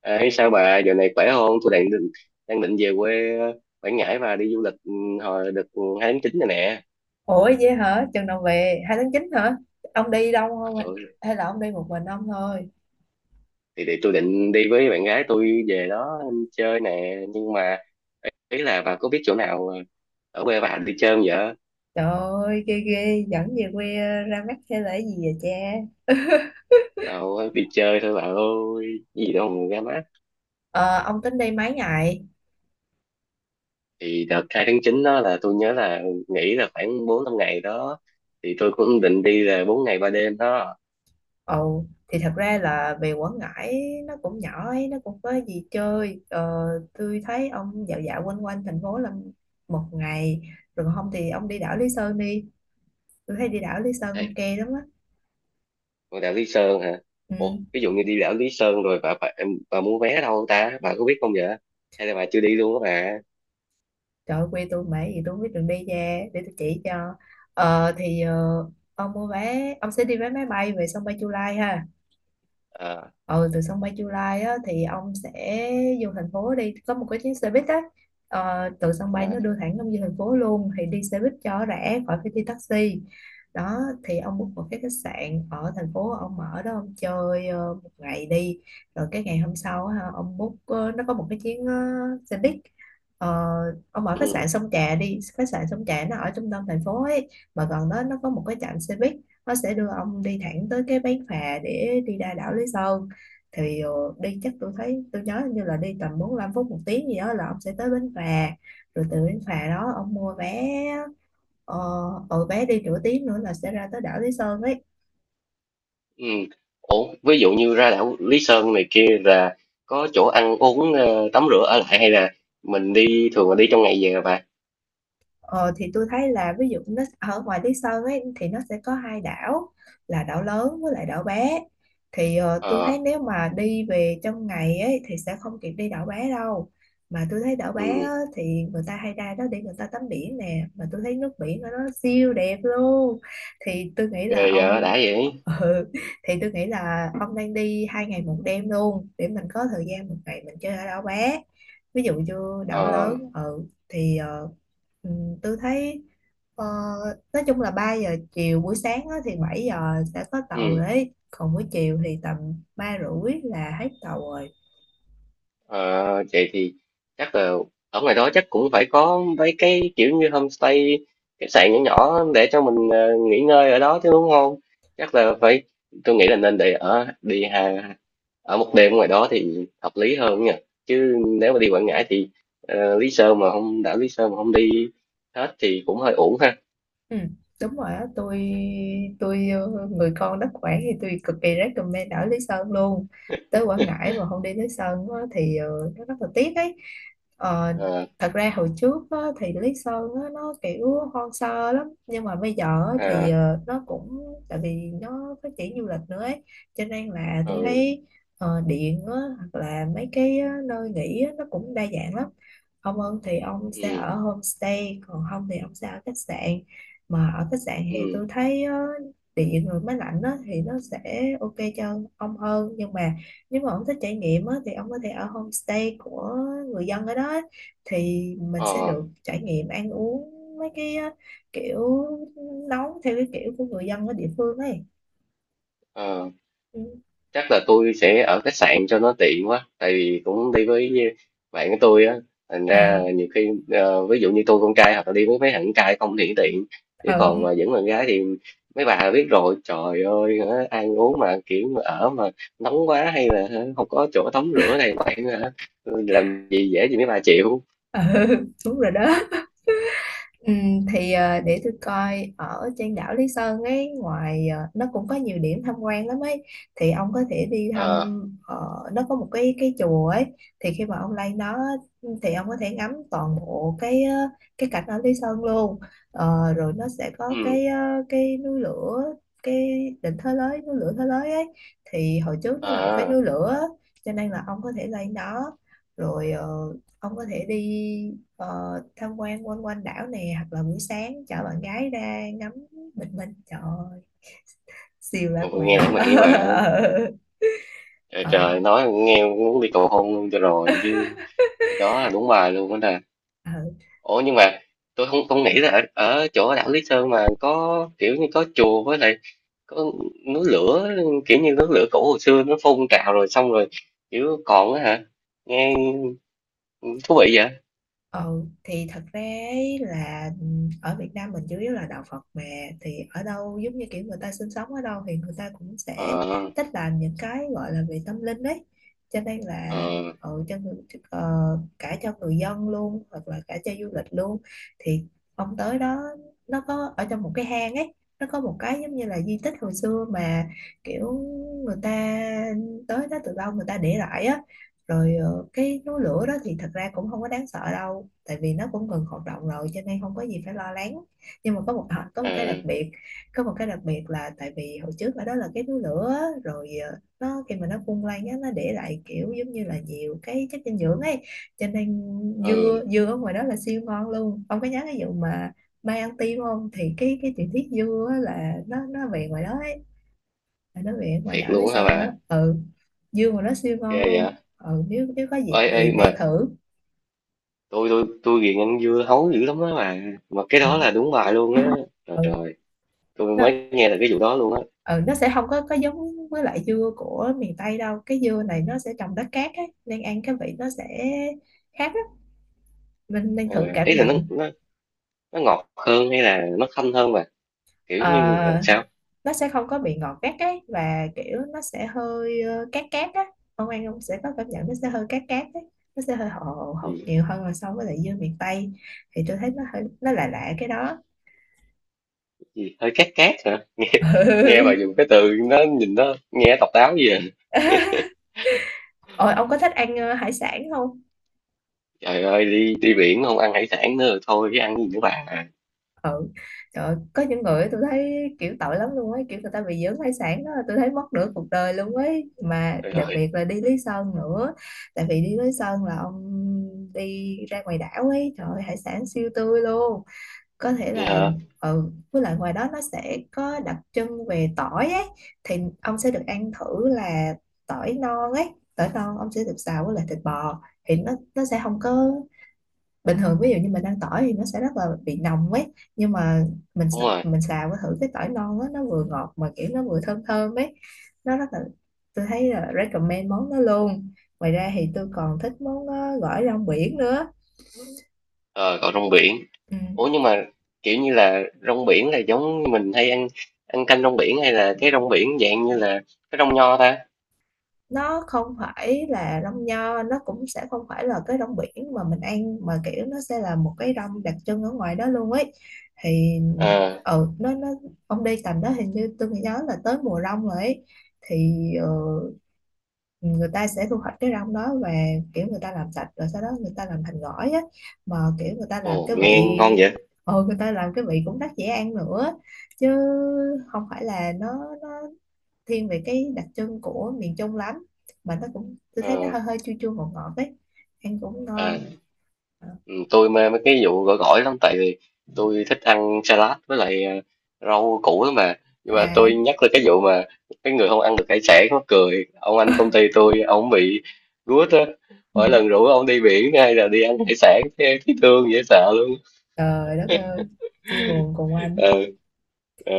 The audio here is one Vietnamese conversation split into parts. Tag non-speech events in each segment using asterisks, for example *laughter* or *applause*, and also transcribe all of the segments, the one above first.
Ê, sao bà giờ này khỏe không? Tôi đang định về quê Quảng Ngãi và đi du lịch hồi đợt 2/9 này nè. Ủa vậy hả? Chừng nào về? 2/9 hả? Ông đi đâu không? Ừ, Hay là ông đi một mình ông thôi? thì tôi định đi với bạn gái tôi về đó chơi nè, nhưng mà ý là bà có biết chỗ nào ở quê bà đi chơi không vậy? Trời ơi, ghê ghê, dẫn về quê ra mắt hay là cái gì vậy cha? Đâu, đi chơi thôi bà ơi, gì đâu mà ra mắt. Ờ, ông tính đi mấy ngày? Thì đợt 2/9 đó là tôi nhớ là nghỉ là khoảng 4 5 ngày đó, thì tôi cũng định đi là 4 ngày 3 đêm đó. Ồ, thì thật ra là về Quảng Ngãi nó cũng nhỏ ấy, nó cũng có gì chơi. Ờ, tôi thấy ông dạo dạo quanh quanh thành phố là một ngày. Rồi còn không thì ông đi đảo Lý Sơn đi. Tôi thấy đi đảo Lý Sơn ok lắm á. Ngôi đảo Lý Sơn hả? Ừ. Ủa, ví dụ như đi đảo Lý Sơn rồi bà mua vé đâu ta? Bà có biết không vậy? Hay là bà chưa đi luôn á bà? Trời ơi, quê tôi mãi gì tôi không biết đường đi ra để tôi chỉ cho. ờ thì ờ, ông mua vé ông sẽ đi vé máy bay về sân bay Chu Lai ha. Ờ. Ờ Từ sân bay Chu Lai á, thì ông sẽ vô thành phố, đi có một cái chuyến xe buýt á. Từ sân bay À. nó đưa thẳng ông vô thành phố luôn, thì đi xe buýt cho rẻ, khỏi phải đi taxi đó. Thì ông book một cái khách sạn ở thành phố, ông ở đó ông chơi một ngày đi. Rồi cái ngày hôm sau á, ha, ông book, nó có một cái chuyến xe buýt. Ờ, ông ở khách Ừ, sạn Sông Trà đi, khách sạn Sông Trà nó ở trung tâm thành phố ấy, mà gần đó nó có một cái trạm xe buýt, nó sẽ đưa ông đi thẳng tới cái bến phà để đi ra đảo Lý Sơn. Thì đi chắc tôi thấy tôi nhớ như là đi tầm 45 phút một tiếng gì đó là ông sẽ tới bến phà. Rồi từ bến phà đó ông mua vé, ờ, bé đi nửa tiếng nữa là sẽ ra tới đảo Lý Sơn ấy. ừ. Ủa, ví dụ như ra đảo Lý Sơn này kia là có chỗ ăn uống, tắm rửa, ở lại, hay là mình đi thường là đi trong ngày về hả bà? Ờ, thì tôi thấy là ví dụ nó ở ngoài Lý Sơn ấy thì nó sẽ có hai đảo, là đảo lớn với lại đảo bé. Tôi Ờ, thấy nếu mà đi về trong ngày ấy thì sẽ không kịp đi đảo bé đâu. Mà tôi thấy đảo bé ừ, á, thì người ta hay ra đó để người ta tắm biển nè, mà tôi thấy nước biển ở đó siêu đẹp luôn. Thì tôi nghĩ là ghê vậy đã ông vậy. *laughs* ừ, thì tôi nghĩ là ông nên đi 2 ngày 1 đêm luôn để mình có thời gian một ngày mình chơi ở đảo bé, ví dụ như đảo Ờ, lớn. Ừ, tôi thấy ờ, nói chung là 3 giờ chiều, buổi sáng á, thì 7 giờ sẽ có tàu ừ. đấy, còn buổi chiều thì tầm 3 rưỡi là hết tàu rồi. Ờ, vậy thì chắc là ở ngoài đó chắc cũng phải có mấy cái kiểu như homestay, khách sạn nhỏ nhỏ để cho mình nghỉ ngơi ở đó chứ, đúng không? Chắc là phải, tôi nghĩ là nên để ở đi hà, ở một đêm ngoài đó thì hợp lý hơn nha. Chứ nếu mà đi Quảng Ngãi thì Lý Sơn mà không đảo Lý Sơn mà không đi hết thì cũng hơi uổng ha. Ừ, đúng rồi á. Tôi người con đất Quảng thì tôi cực kỳ recommend ở Lý Sơn luôn. Tới Quảng *laughs* Ngãi mà không đi Lý Sơn á, thì nó rất là tiếc ấy. Ờ, Ờ. thật ra hồi trước á, thì Lý Sơn á, nó kiểu hoang sơ lắm, nhưng mà bây giờ á, thì À. Nó cũng tại vì nó phát triển du lịch nữa ấy, cho nên là tôi Ừ, thấy điện á, hoặc là mấy cái nơi nghỉ á, nó cũng đa dạng lắm. Ông ơn thì ông sẽ ừ, ở homestay, còn không thì ông sẽ ở khách sạn. Mà ở khách sạn thì ừ. tôi thấy á, địa nhiệt người máy lạnh á, thì nó sẽ ok cho ông hơn, nhưng mà nếu mà ông thích trải nghiệm á, thì ông có thể ở homestay của người dân ở đó á. Thì mình sẽ Ờ, được trải nghiệm ăn uống mấy cái á, kiểu nấu theo cái kiểu của người dân ở địa phương ấy. ờ. Ừ. Chắc là tôi sẽ ở khách sạn cho nó tiện quá, tại vì cũng đi với bạn của tôi á, thành Ờ. ra nhiều khi ví dụ như tôi con trai hoặc là đi với mấy thằng con trai không thì tiện, chứ Ờ. còn mà dẫn bạn gái thì mấy bà biết rồi, trời ơi hả, ăn uống mà kiểu mà ở mà nóng quá, hay là hả, không có chỗ tắm rửa này bạn hả, làm gì dễ gì mấy bà chịu. Ờ. *laughs* Đúng rồi đó. Ừ, để tôi coi ở trên đảo Lý Sơn ấy, ngoài nó cũng có nhiều điểm tham quan lắm ấy. Thì ông có thể đi thăm, Ờ. ờ, nó có một cái chùa ấy. Thì khi mà ông lên đó thì ông có thể ngắm toàn bộ cái cái cảnh ở Lý Sơn luôn. Ờ, rồi nó sẽ có Ừ. cái cái núi lửa, cái đỉnh Thới Lới, núi lửa Thới Lới ấy. Thì hồi trước nó là một cái À. núi lửa, cho nên là ông có thể lên đó rồi ông có thể đi tham quan quanh quanh đảo nè, hoặc là buổi sáng chở bạn gái ra ngắm bình minh. Trời ơi, *laughs* siêu lãng mạn. Nghe lãng mạn như vậy hả? Trời *laughs* Ờ. trời, nói nghe muốn đi cầu hôn luôn cho rồi chứ, đó là đúng bài luôn đó nè. Ờ. Ủa nhưng mà tôi không không nghĩ là ở chỗ đảo Lý Sơn mà có kiểu như có chùa, với lại có núi lửa, kiểu như núi lửa cổ hồi xưa nó phun trào rồi xong rồi kiểu còn á hả, nghe thú vị vậy. Ừ, thì thật ra ấy là ở Việt Nam mình chủ yếu là đạo Phật mà, thì ở đâu giống như kiểu người ta sinh sống ở đâu thì người ta cũng sẽ Ờ. thích làm những cái gọi là về tâm linh đấy. Cho nên Ờ. là ừ, cho người, ờ, cả cho người dân luôn hoặc là cả cho du lịch luôn. Thì ông tới đó, nó có ở trong một cái hang ấy, nó có một cái giống như là di tích hồi xưa mà, kiểu người ta tới đó từ lâu người ta để lại á. Rồi cái núi lửa đó thì thật ra cũng không có đáng sợ đâu, tại vì nó cũng ngừng hoạt động rồi, cho nên không có gì phải lo lắng. Nhưng mà có một có một Ờ. cái đặc biệt, có một cái đặc biệt là tại vì hồi trước ở đó là cái núi lửa á, rồi nó khi mà nó phun lên á, nó để lại kiểu giống như là nhiều cái chất dinh dưỡng ấy. Cho nên Ừ, dưa dưa ở ngoài đó là siêu ngon luôn. Ông có nhớ cái vụ mà mai ăn tim không, thì cái truyền thuyết dưa á là nó về ngoài đó ấy, tại nó biển ngoài thiệt đảo Lý luôn á hả Sơn bà? á. Ừ, dưa mà nó siêu Ghê ngon vậy. luôn. Ừ, nếu nếu có dịp Ê thì ê mà nên thử. tôi ghiền ăn dưa hấu dữ lắm á bà, mà cái Ừ. đó là đúng bài luôn á. Trời Ừ. trời, tôi nó mới nghe được cái vụ đó luôn á. ừ, nó sẽ không có có giống với lại dưa của miền Tây đâu. Cái dưa này nó sẽ trồng đất cát ấy, nên ăn cái vị nó sẽ khác lắm. Mình nên Ờ, thử cảm ý là nó nhận. nó nó ngọt hơn hay là nó thanh hơn bà, kiểu như là Ờ, sao? nó sẽ không có bị ngọt gắt ấy, và kiểu nó sẽ hơi cát cát á. Ông ăn ông sẽ có cảm nhận nó sẽ hơi cát cát ấy. Nó sẽ hơi hậu hậu Gì, nhiều hơn là so với lại dưa miền Tây. Thì tôi thấy nó hơi nó lạ lạ cái đó. Hơi cát cát hả? Nghe bà Ừ. dùng cái từ nó nhìn nó nghe độc đáo gì vậy? Ôi, ông có thích ăn hải sản không? Trời ơi, đi đi biển không ăn hải sản nữa rồi, thôi chứ ăn gì nữa bà. Ừ. Trời ơi, có những người tôi thấy kiểu tội lắm luôn ấy, kiểu người ta bị dưỡng hải sản đó, tôi thấy mất nửa cuộc đời luôn ấy. Mà Trời đặc ơi, biệt là đi Lý Sơn nữa, tại vì đi Lý Sơn là ông đi ra ngoài đảo ấy, trời ơi, hải sản siêu tươi luôn. Có thể nghe là hả? ừ, với lại ngoài đó nó sẽ có đặc trưng về tỏi ấy, thì ông sẽ được ăn thử là tỏi non ấy. Tỏi non ông sẽ được xào với lại thịt bò, thì nó sẽ không có bình thường. Ví dụ như mình ăn tỏi thì nó sẽ rất là bị nồng ấy, nhưng mà mình Đúng rồi. mình xào với thử cái tỏi non á, nó vừa ngọt mà kiểu nó vừa thơm thơm ấy. Nó rất là, tôi thấy là recommend món đó luôn. Ngoài ra thì tôi còn thích món gỏi rong biển nữa. Ờ, còn rong biển. Ừ. Ủa nhưng mà kiểu như là rong biển là giống như mình hay ăn, canh rong biển, hay là cái rong biển dạng như là cái rong nho ta? Nó không phải là đông nho, nó cũng sẽ không phải là cái rong biển mà mình ăn, mà kiểu nó sẽ là một cái rong đặc trưng ở ngoài đó luôn ấy. thì Ờ. ừ, nó ông đi tầm đó hình như tôi nhớ là tới mùa rong rồi ấy. Thì ờ, người ta sẽ thu hoạch cái rong đó, và kiểu người ta làm sạch rồi sau đó người ta làm thành gỏi á. Mà kiểu người ta làm Ồ, cái vị, nghe ngon vậy. Người ta làm cái vị cũng rất dễ ăn nữa. Chứ không phải là nó thiên về cái đặc trưng của miền Trung lắm. Mà nó cũng, tôi Ờ. thấy nó hơi hơi chua chua ngọt ngọt ấy, ăn cũng À. ngon. Ừ, tôi mê mấy cái vụ gỏi gỏi lắm, tại vì tôi thích ăn salad với lại rau củ lắm, mà nhưng mà À. tôi nhắc tới cái vụ mà cái người không ăn được hải sản mắc cười, ông anh công ty tôi ông bị gút á, Ừ. mỗi lần rủ ông đi biển hay là đi ăn hải sản thấy thấy thương dễ sợ luôn. Trời đất ơi, chia buồn cùng anh. Ờ. Ờ.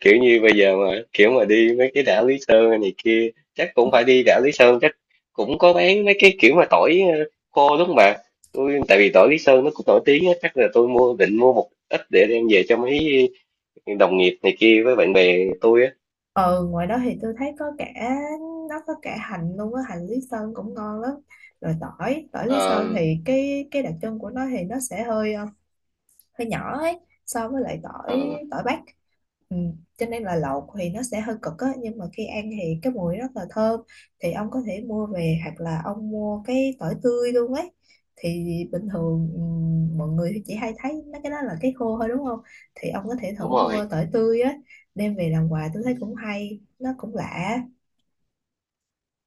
Kiểu như bây giờ mà kiểu mà đi mấy cái đảo Lý Sơn hay này kia chắc cũng phải đi đảo Lý Sơn, chắc cũng có bán mấy cái kiểu mà tỏi khô đúng không bà? Tôi tại vì tỏi Lý Sơn nó cũng nổi tiếng á, chắc là tôi định mua một ít để đem về cho mấy đồng nghiệp này kia với bạn bè tôi á. Ừ, ngoài đó thì tôi thấy có cả, nó có cả hành luôn á, hành Lý Sơn cũng ngon lắm. Rồi tỏi, tỏi Lý Sơn Ờ. thì cái đặc trưng của nó thì nó sẽ hơi hơi nhỏ ấy, so với lại Ờ. tỏi, tỏi Bắc. Ừ. Cho nên là lẩu thì nó sẽ hơi cực á, nhưng mà khi ăn thì cái mùi rất là thơm. Thì ông có thể mua về, hoặc là ông mua cái tỏi tươi luôn ấy. Thì bình thường ừ, mọi người thì chỉ hay thấy mấy cái đó là cái khô thôi đúng không. Thì ông có thể Đúng thử rồi. mua tỏi tươi á, đem về làm quà, tôi thấy cũng hay, nó cũng lạ.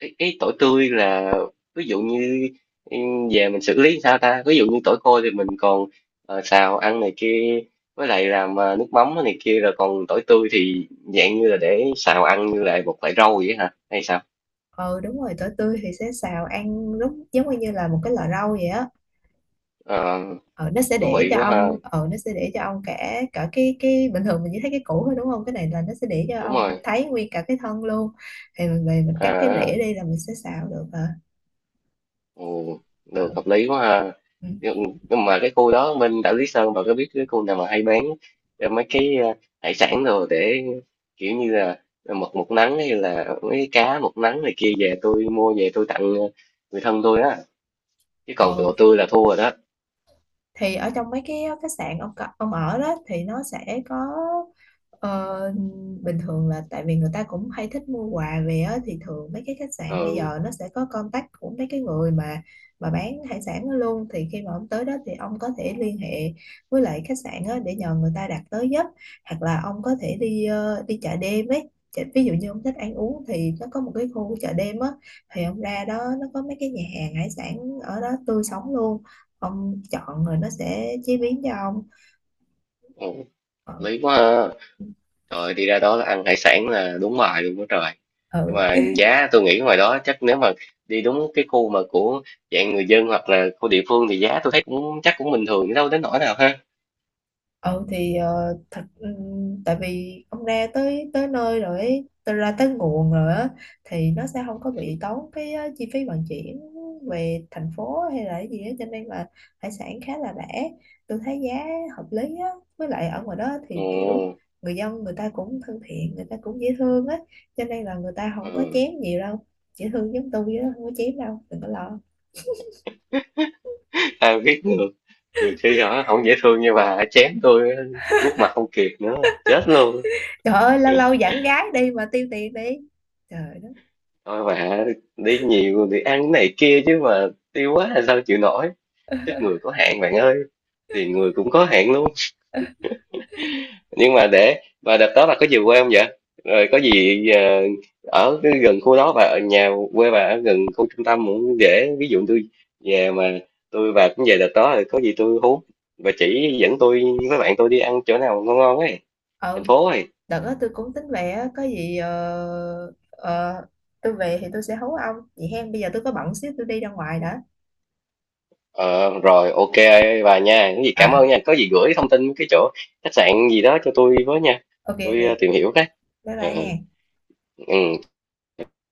Cái tỏi tươi là ví dụ như em về mình xử lý sao ta, ví dụ như tỏi khô thì mình còn xào ăn này kia, với lại làm nước mắm này kia, rồi còn tỏi tươi thì dạng như là để xào ăn như là một loại rau vậy hả hay sao? Ừ đúng rồi, tỏi tươi thì sẽ xào ăn lúc giống như là một cái lò rau vậy á. Ờ, Ờ, nó sẽ thú để vị cho quá ha, ông nó sẽ để cho ông cả, cả cái bình thường mình chỉ thấy cái củ thôi đúng không, cái này là nó sẽ để cho đúng ông rồi. thấy nguyên cả cái thân luôn. Thì mình về mình cắt cái À, rễ đi là mình sẽ xào được hả. ồ, Ờ. được, hợp lý quá ha. Ừ. Nhưng mà cái khu đó bên đảo Lý Sơn bà có biết cái khu nào mà hay bán mấy cái hải sản rồi để kiểu như là mực một nắng, hay là mấy cái cá một nắng này kia, về tôi mua về tôi tặng người thân tôi á, chứ còn Ờ, đồ tươi là thua rồi đó. thì ở trong mấy cái khách sạn ông ông ở đó thì nó sẽ có ờ, bình thường là tại vì người ta cũng hay thích mua quà về á, thì thường mấy cái khách sạn bây Ừ. giờ nó sẽ có contact của mấy cái người mà bán hải sản đó luôn. Thì khi mà ông tới đó thì ông có thể liên hệ với lại khách sạn á, để nhờ người ta đặt tới giúp. Hoặc là ông có thể đi đi chợ đêm ấy. Ví dụ như ông thích ăn uống thì nó có một cái khu chợ đêm á, thì ông ra đó nó có mấy cái nhà hàng hải sản, ở đó tươi sống luôn, ông chọn rồi nó sẽ chế biến cho ông. Ừ, hợp Ờ. lý quá ha. Trời, đi ra đó là ăn hải sản là đúng bài luôn đó trời. Nhưng ừ, mà giá tôi nghĩ ngoài đó chắc nếu mà đi đúng cái khu mà của dạng người dân hoặc là khu địa phương thì giá tôi thấy cũng chắc cũng bình thường, đâu đến nỗi nào ha. ừ, thật, ừ, tại vì ông ra tới tới nơi rồi ấy, tới, ra tới nguồn rồi á, thì nó sẽ không có bị tốn cái chi phí vận chuyển về thành phố hay là cái gì á, cho nên là hải sản khá là rẻ. Tôi thấy giá hợp lý á. Với lại ở ngoài đó Ừ, thì kiểu người dân người ta cũng thân thiện, người ta cũng dễ thương á, cho nên là người ta không có ừ. chém nhiều đâu. Dễ thương giống tôi chứ không có chém đâu, đừng có lo. Ai biết được. Nhiều khi họ không dễ thương như bà, chém tôi quốc mặt không kịp nữa, chết luôn. Trời ơi, lâu lâu dẫn gái đi mà tiêu tiền đi. Trời đất. Thôi bà, đi nhiều thì ăn cái này kia chứ mà tiêu quá là sao chịu nổi. Sức người có hạn bạn ơi, tiền người cũng có hạn luôn. Nhưng mà để, và đợt đó bà có về quê không vậy, rồi có gì ở cái gần khu đó, và ở nhà quê bà ở gần khu trung tâm cũng dễ, ví dụ tôi về mà, tôi và cũng về đợt đó, rồi có gì tôi hú và chỉ dẫn tôi với bạn tôi đi ăn chỗ nào ngon ngon ấy, thành Ờ, phố ấy. đợt đó tôi cũng tính về á, có gì tôi về thì tôi sẽ hấu ông. Vậy hen, bây giờ tôi có bận xíu tôi đi ra ngoài đã. Ờ, rồi ok bà nha, cái gì cảm Ờ, ơn nha, có gì gửi thông tin cái chỗ khách sạn gì đó cho tôi với nha, ok tôi ok, tìm hiểu cái. bye Ờ, bye ừ. hen. Ừ.